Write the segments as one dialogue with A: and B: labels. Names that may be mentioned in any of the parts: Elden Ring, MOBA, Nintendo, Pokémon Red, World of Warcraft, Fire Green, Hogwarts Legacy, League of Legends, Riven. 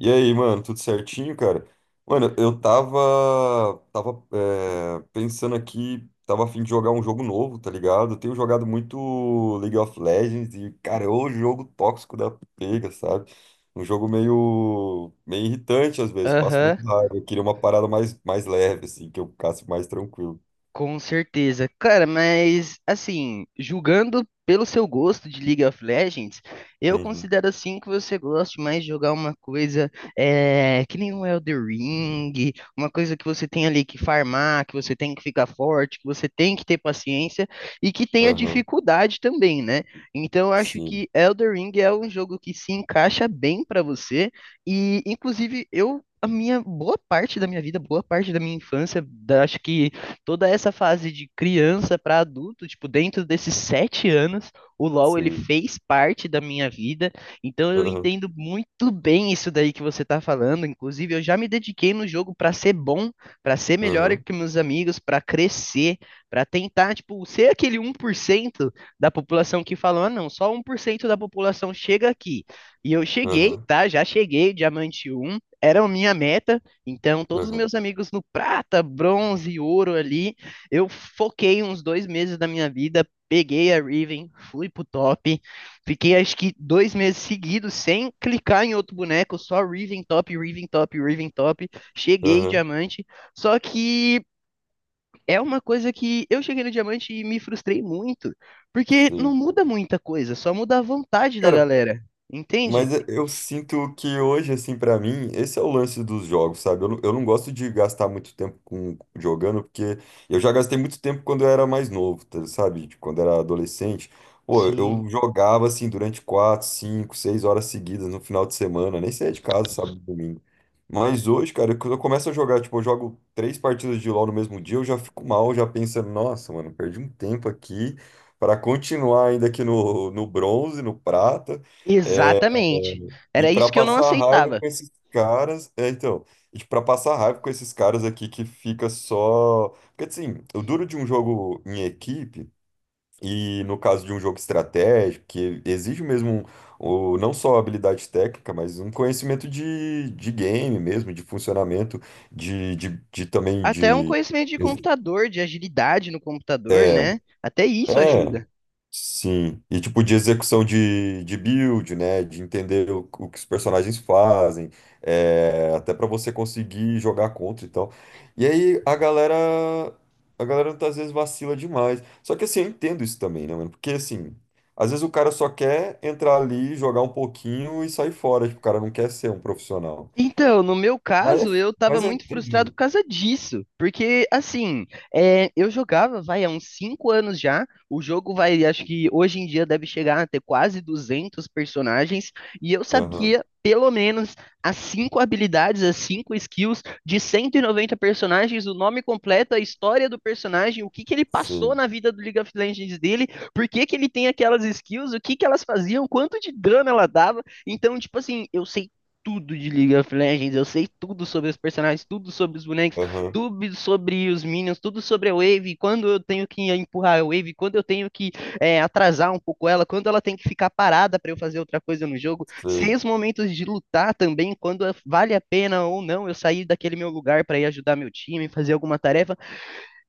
A: E aí, mano, tudo certinho, cara? Mano, eu pensando aqui, tava a fim de jogar um jogo novo, tá ligado? Eu tenho jogado muito League of Legends e, cara, é o jogo tóxico da pega, sabe? Um jogo meio irritante às vezes, passo
B: Aham.
A: muito raiva. Eu queria uma parada mais leve, assim, que eu ficasse mais tranquilo.
B: Com certeza. Cara, mas assim, julgando pelo seu gosto de League of Legends, eu
A: Uhum,
B: considero assim que você gosta mais de jogar uma coisa que nem um Elden Ring, uma coisa que você tem ali que farmar, que você tem que ficar forte, que você tem que ter paciência e que tenha
A: aham,
B: dificuldade também, né? Então eu acho
A: sim,
B: que Elden Ring é um jogo que se encaixa bem pra você e, inclusive, eu. A minha boa parte da minha vida, boa parte da minha infância, acho que toda essa fase de criança para adulto, tipo, dentro desses 7 anos, o LoL ele
A: sim,
B: fez parte da minha vida, então eu
A: aham,
B: entendo muito bem isso daí que você tá falando. Inclusive, eu já me dediquei no jogo para ser bom, para ser melhor
A: aham,
B: que meus amigos, para crescer, para tentar, tipo, ser aquele 1% da população que falam, ah, não, só 1% da população chega aqui. E eu cheguei,
A: aham,
B: tá? Já cheguei, diamante um era a minha meta, então, todos os
A: aham,
B: meus amigos no prata, bronze, ouro ali, eu foquei uns 2 meses da minha vida, peguei a Riven, fui pro top, fiquei acho que 2 meses seguidos sem clicar em outro boneco, só Riven top, Riven top, Riven top, cheguei
A: aham,
B: diamante, só que é uma coisa que eu cheguei no diamante e me frustrei muito, porque não
A: sim.
B: muda muita coisa, só muda a vontade da
A: Cara.
B: galera, entende?
A: Mas eu sinto que hoje, assim, pra mim, esse é o lance dos jogos, sabe? Eu não gosto de gastar muito tempo com, jogando, porque eu já gastei muito tempo quando eu era mais novo, sabe? Tipo, quando era adolescente. Pô, eu
B: Sim,
A: jogava, assim, durante quatro, cinco, seis horas seguidas no final de semana, nem saía de casa, sabe? No domingo. Mas hoje, cara, quando eu começo a jogar, tipo, eu jogo três partidas de LoL no mesmo dia, eu já fico mal, já pensando, nossa, mano, perdi um tempo aqui pra continuar ainda aqui no bronze, no prata.
B: exatamente,
A: E
B: era
A: para
B: isso que eu não
A: passar raiva
B: aceitava.
A: com esses caras, é, então, e para passar raiva com esses caras aqui que fica só, porque assim, o duro de um jogo em equipe e no caso de um jogo estratégico que exige mesmo o, não só habilidade técnica, mas um conhecimento de game mesmo, de funcionamento, de também
B: Até um
A: de
B: conhecimento de computador, de agilidade no computador,
A: é,
B: né? Até isso
A: é.
B: ajuda.
A: Sim, e tipo de execução de build, né? De entender o que os personagens fazem, é, até pra você conseguir jogar contra e tal. E aí a galera, a galera às vezes vacila demais. Só que assim, eu entendo isso também, né, mano? Porque assim, às vezes o cara só quer entrar ali, jogar um pouquinho e sair fora. Tipo, o cara não quer ser um profissional.
B: Então, no meu
A: Mas
B: caso,
A: é,
B: eu tava
A: mas é
B: muito frustrado por
A: terrível.
B: causa disso. Porque, assim, eu jogava, vai, há uns 5 anos já. O jogo vai, acho que hoje em dia deve chegar a ter quase 200 personagens. E eu
A: Aham,
B: sabia, pelo menos, as 5 habilidades, as 5 skills de 190 personagens, o nome completo, a história do personagem, o que que ele passou
A: sim,
B: na vida do League of Legends dele, por que que ele tem aquelas skills, o que que elas faziam, quanto de dano ela dava. Então, tipo assim, eu sei tudo de League of Legends, eu sei tudo sobre os personagens, tudo sobre os bonecos,
A: aham,
B: tudo sobre os minions, tudo sobre a Wave, quando eu tenho que empurrar a Wave, quando eu tenho que atrasar um pouco ela, quando ela tem que ficar parada para eu fazer outra coisa no jogo, sei
A: sei,
B: os momentos de lutar também, quando vale a pena ou não eu sair daquele meu lugar para ir ajudar meu time, fazer alguma tarefa.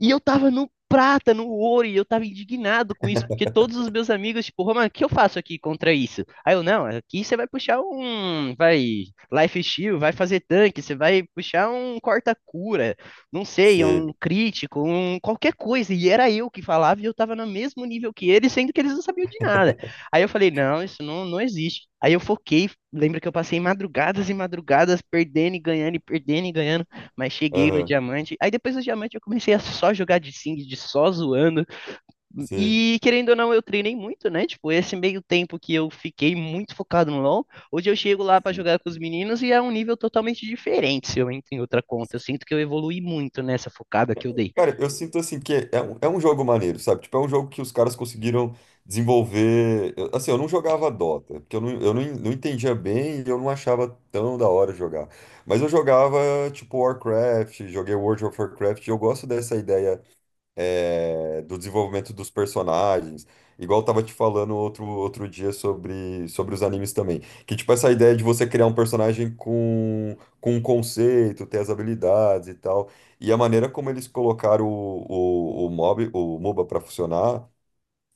B: E eu tava no prata, no ouro, e eu tava indignado com isso, porque todos os meus amigos, tipo, Roman, o que eu faço aqui contra isso? Aí eu, não, aqui você vai puxar um, vai, life steal, vai fazer tanque, você vai puxar um corta-cura, não sei, um
A: sei,
B: crítico, um qualquer coisa. E era eu que falava e eu tava no mesmo nível que eles, sendo que eles não sabiam de nada. Aí eu falei, não, isso não, não existe. Aí eu foquei, lembra que eu passei madrugadas e madrugadas perdendo e ganhando e perdendo e ganhando. Mas cheguei no
A: aham,
B: diamante. Aí depois do diamante eu comecei a só jogar de sing, de só zoando.
A: sei.
B: E querendo ou não, eu treinei muito, né? Tipo, esse meio tempo que eu fiquei muito focado no LoL, hoje eu chego lá pra jogar com os meninos e é um nível totalmente diferente se eu entro em outra conta. Eu sinto que eu evolui muito nessa focada que eu dei.
A: Cara, eu sinto assim que é é um jogo maneiro, sabe? Tipo, é um jogo que os caras conseguiram desenvolver. Eu não jogava Dota, porque eu não, en- não entendia bem e eu não achava tão da hora jogar. Mas eu jogava, tipo, Warcraft, joguei World of Warcraft, e eu gosto dessa ideia é, do desenvolvimento dos personagens. Igual eu tava te falando outro dia sobre os animes também. Que, tipo, essa ideia de você criar um personagem com um conceito, ter as habilidades e tal. E a maneira como eles colocaram o MOBA pra funcionar,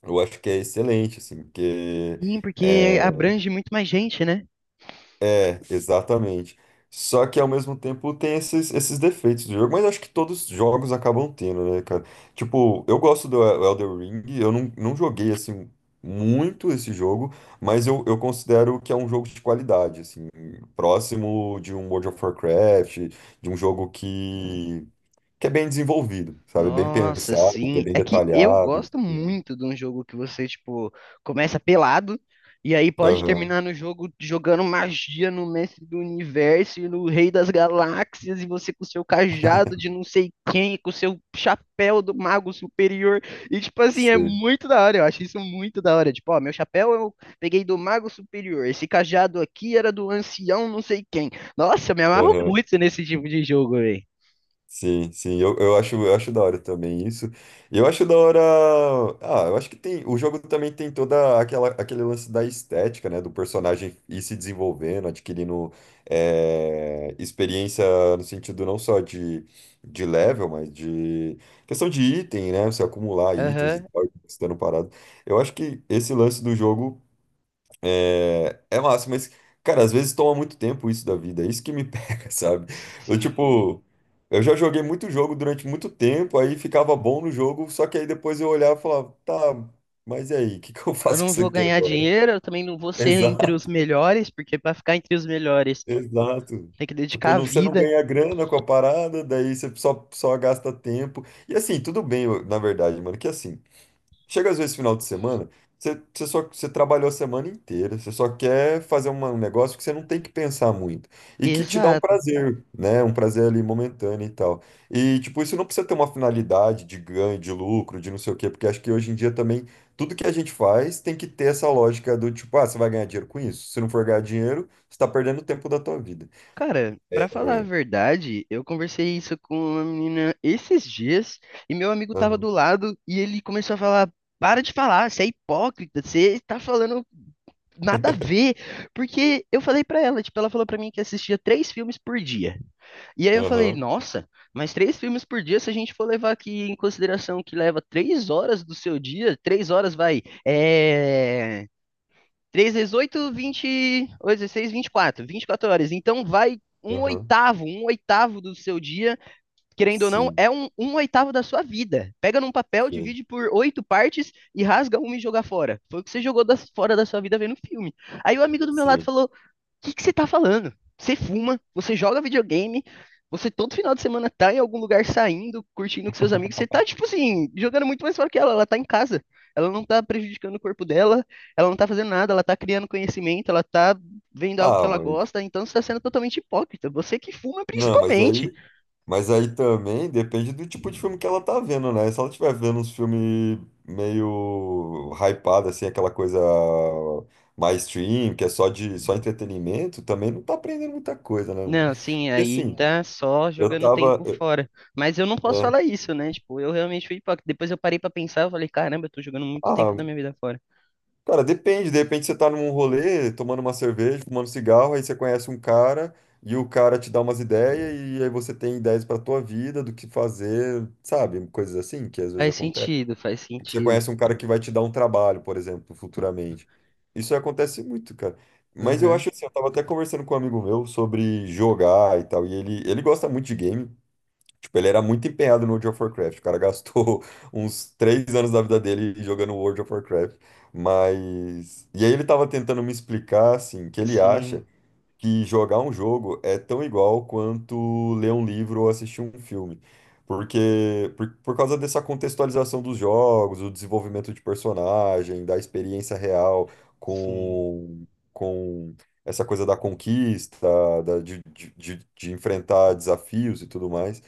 A: eu acho que é excelente, assim, porque.
B: Sim, porque
A: Eh,
B: abrange muito mais gente, né?
A: é, exatamente. Só que ao mesmo tempo tem esses defeitos do jogo, mas acho que todos os jogos acabam tendo, né, cara? Tipo, eu gosto do Elden Ring, eu não, não joguei assim muito esse jogo, mas eu considero que é um jogo de qualidade, assim, próximo de um World of Warcraft, de um jogo que é bem desenvolvido, sabe? Bem
B: Nossa,
A: pensado, que é
B: sim.
A: bem
B: É que eu
A: detalhado.
B: gosto muito de um jogo que você, tipo, começa pelado e aí pode
A: Aham,
B: terminar no jogo jogando magia no mestre do universo e no rei das galáxias e você com seu cajado de não sei quem, com seu chapéu do mago superior. E, tipo assim, é
A: sim.
B: muito da hora. Eu acho isso muito da hora. Tipo, ó, meu chapéu eu peguei do mago superior. Esse cajado aqui era do ancião não sei quem. Nossa, eu me amarro
A: Aham.
B: muito nesse tipo de jogo, velho.
A: Sim, sim, eu acho da hora também isso. E eu acho da hora. Ah, eu acho que tem. O jogo também tem toda aquele lance da estética, né? Do personagem ir se desenvolvendo, adquirindo eh, experiência no sentido não só de level, mas de questão de item, né? Você acumular itens e
B: Aham.
A: tal, estando parado. Eu acho que esse lance do jogo. É, é massa, mas, cara, às vezes toma muito tempo isso da vida, é isso que me pega, sabe? Eu,
B: Sim.
A: tipo, eu já joguei muito jogo durante muito tempo, aí ficava bom no jogo, só que aí depois eu olhava e falava, tá, mas e aí, o que que eu
B: Eu
A: faço com
B: não
A: isso
B: vou
A: aqui
B: ganhar
A: agora?
B: dinheiro, eu também não vou ser entre
A: Exato,
B: os melhores, porque para ficar entre os melhores
A: exato.
B: tem que dedicar
A: Tipo,
B: a
A: não, você não
B: vida.
A: ganha grana com a parada, daí você só gasta tempo. E assim, tudo bem, na verdade, mano, que assim. Chega às vezes final de semana, você trabalhou a semana inteira, você só quer fazer um negócio que você não tem que pensar muito e que te dá um
B: Exato.
A: prazer, né? Um prazer ali momentâneo e tal. E tipo, isso não precisa ter uma finalidade de ganho, de lucro, de não sei o quê, porque acho que hoje em dia também tudo que a gente faz tem que ter essa lógica do tipo, ah, você vai ganhar dinheiro com isso? Se não for ganhar dinheiro, você tá perdendo o tempo da tua vida.
B: Cara,
A: É,
B: para falar a
A: é,
B: verdade, eu conversei isso com uma menina esses dias e meu amigo tava
A: aham,
B: do lado e ele começou a falar: "Para de falar, você é hipócrita, você tá falando nada a ver". Porque eu falei pra ela, tipo, ela falou pra mim que assistia três filmes por dia. E aí eu falei,
A: aham,
B: nossa, mas três filmes por dia, se a gente for levar aqui em consideração que leva 3 horas do seu dia, 3 horas vai, é... 3 vezes 8, 20, 8, 16, 24, quatro vinte e quatro horas. Então vai
A: aham,
B: um oitavo do seu dia, querendo ou não,
A: sim,
B: é um, um oitavo da sua vida. Pega num papel,
A: sim,
B: divide por oito partes e rasga uma e joga fora. Foi o que você jogou fora da sua vida vendo filme. Aí o amigo do meu lado
A: sim.
B: falou, que você tá falando? Você fuma, você joga videogame, você todo final de semana tá em algum lugar saindo, curtindo com seus amigos, você tá, tipo assim, jogando muito mais fora que ela tá em casa. Ela não tá prejudicando o corpo dela, ela não tá fazendo nada, ela tá criando conhecimento, ela tá vendo algo que
A: Ah,
B: ela
A: mas
B: gosta, então você tá sendo totalmente hipócrita. Você que fuma
A: não,
B: principalmente.
A: mas aí também depende do tipo de filme que ela tá vendo, né? Se ela estiver vendo uns filmes meio hypado, assim, aquela coisa mais stream, que é só de só entretenimento, também não tá aprendendo muita coisa, né, mano?
B: Não, sim,
A: E
B: aí
A: assim,
B: tá só
A: eu
B: jogando
A: tava.
B: tempo
A: eu-
B: fora. Mas eu não posso
A: é,
B: falar isso, né? Tipo, eu realmente fui hipócrita. Depois eu parei pra pensar, eu falei, caramba, eu tô jogando muito tempo
A: ah,
B: da minha vida fora.
A: cara, depende, de repente você tá num rolê, tomando uma cerveja, fumando cigarro, aí você conhece um cara e o cara te dá umas ideias, e aí você tem ideias pra tua vida, do que fazer, sabe? Coisas assim que às vezes
B: Faz
A: acontecem.
B: sentido, faz
A: Que Você
B: sentido.
A: conhece um cara que vai te dar um trabalho, por exemplo, futuramente. Isso acontece muito, cara. Mas eu
B: Aham.
A: acho assim, eu tava até conversando com um amigo meu sobre jogar e tal, e ele gosta muito de game. Tipo, ele era muito empenhado no World of Warcraft. O cara gastou uns três anos da vida dele jogando World of Warcraft. Mas. E aí ele tava tentando me explicar, assim, que ele acha
B: Sim,
A: que jogar um jogo é tão igual quanto ler um livro ou assistir um filme. Porque, por causa dessa contextualização dos jogos, o desenvolvimento de personagem, da experiência real
B: sim.
A: com, com essa coisa da conquista, da, de enfrentar desafios e tudo mais.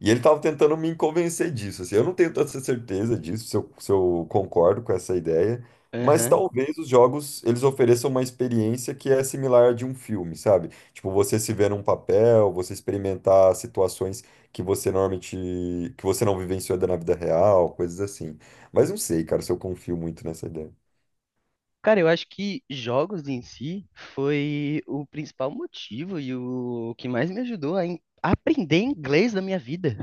A: E ele estava tentando me convencer disso, assim, eu não tenho tanta certeza disso, se eu concordo com essa ideia, mas
B: Aham.
A: talvez os jogos, eles ofereçam uma experiência que é similar à de um filme, sabe? Tipo, você se ver num papel, você experimentar situações que você normalmente, que você não vivenciou na vida real, coisas assim. Mas não sei, cara, se eu confio muito nessa ideia.
B: Cara, eu acho que jogos em si foi o principal motivo e o que mais me ajudou a aprender inglês na minha vida.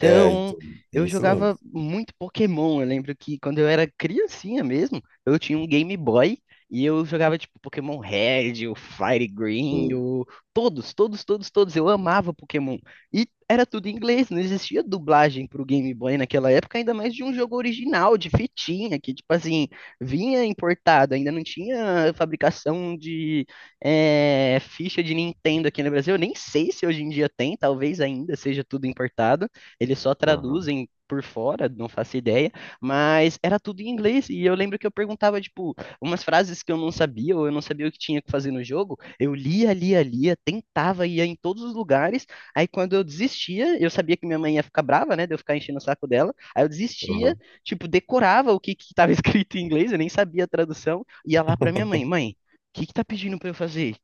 A: É, então, tem
B: eu
A: esse
B: jogava
A: lance.
B: muito Pokémon. Eu lembro que quando eu era criancinha mesmo, eu tinha um Game Boy e eu jogava tipo Pokémon Red, o Fire Green,
A: Sim,
B: o... todos, todos, todos, todos. Eu amava Pokémon. E era tudo em inglês, não existia dublagem pro Game Boy naquela época, ainda mais de um jogo original, de fitinha, que tipo assim vinha importado, ainda não tinha fabricação de ficha de Nintendo aqui no Brasil. Eu nem sei se hoje em dia tem, talvez ainda seja tudo importado. Eles só
A: aham,
B: traduzem por fora, não faço ideia, mas era tudo em inglês e eu lembro que eu perguntava tipo umas frases que eu não sabia ou eu não sabia o que tinha que fazer no jogo, eu lia, lia, lia, tentava ia em todos os lugares. Aí quando eu desistia, eu sabia que minha mãe ia ficar brava, né, de eu ficar enchendo o saco dela. Aí eu desistia
A: aham,
B: tipo, decorava o que que tava escrito em inglês, eu nem sabia a tradução, ia lá pra minha mãe, mãe, o que que tá pedindo pra eu fazer?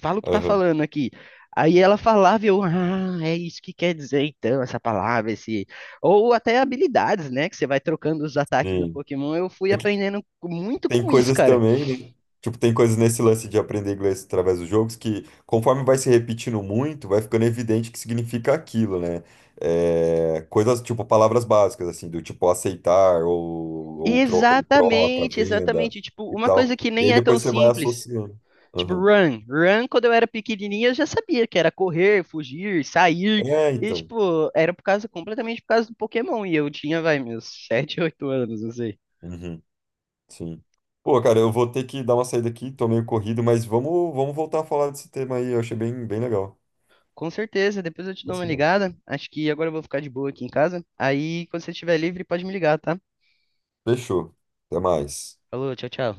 B: Fala o que tá
A: aham,
B: falando aqui. Aí ela falava, e eu, ah, é isso que quer dizer então, essa palavra, esse. Ou até habilidades, né? Que você vai trocando os ataques do
A: sim.
B: Pokémon. Eu fui
A: É,
B: aprendendo muito
A: tem
B: com isso,
A: coisas
B: cara.
A: também, né? Tipo, tem coisas nesse lance de aprender inglês através dos jogos que, conforme vai se repetindo muito, vai ficando evidente que significa aquilo, né? É, coisas tipo palavras básicas, assim, do tipo aceitar ou troca,
B: Exatamente,
A: venda
B: exatamente. Tipo,
A: e
B: uma coisa
A: tal.
B: que
A: E
B: nem
A: aí
B: é tão
A: depois você vai
B: simples.
A: associando.
B: Tipo,
A: Aham.
B: run. Run, quando eu era pequenininha, eu já sabia que era correr, fugir, sair.
A: É,
B: E,
A: então.
B: tipo, era por causa, completamente por causa do Pokémon. E eu tinha, vai, meus 7, 8 anos, não sei.
A: Uhum, sim. Pô, cara, eu vou ter que dar uma saída aqui, tô meio corrido, mas vamos voltar a falar desse tema aí. Eu achei bem legal.
B: Com certeza, depois eu te
A: Vai
B: dou uma
A: ser bom.
B: ligada. Acho que agora eu vou ficar de boa aqui em casa. Aí, quando você estiver livre, pode me ligar, tá?
A: Fechou. Até mais.
B: Falou, tchau, tchau.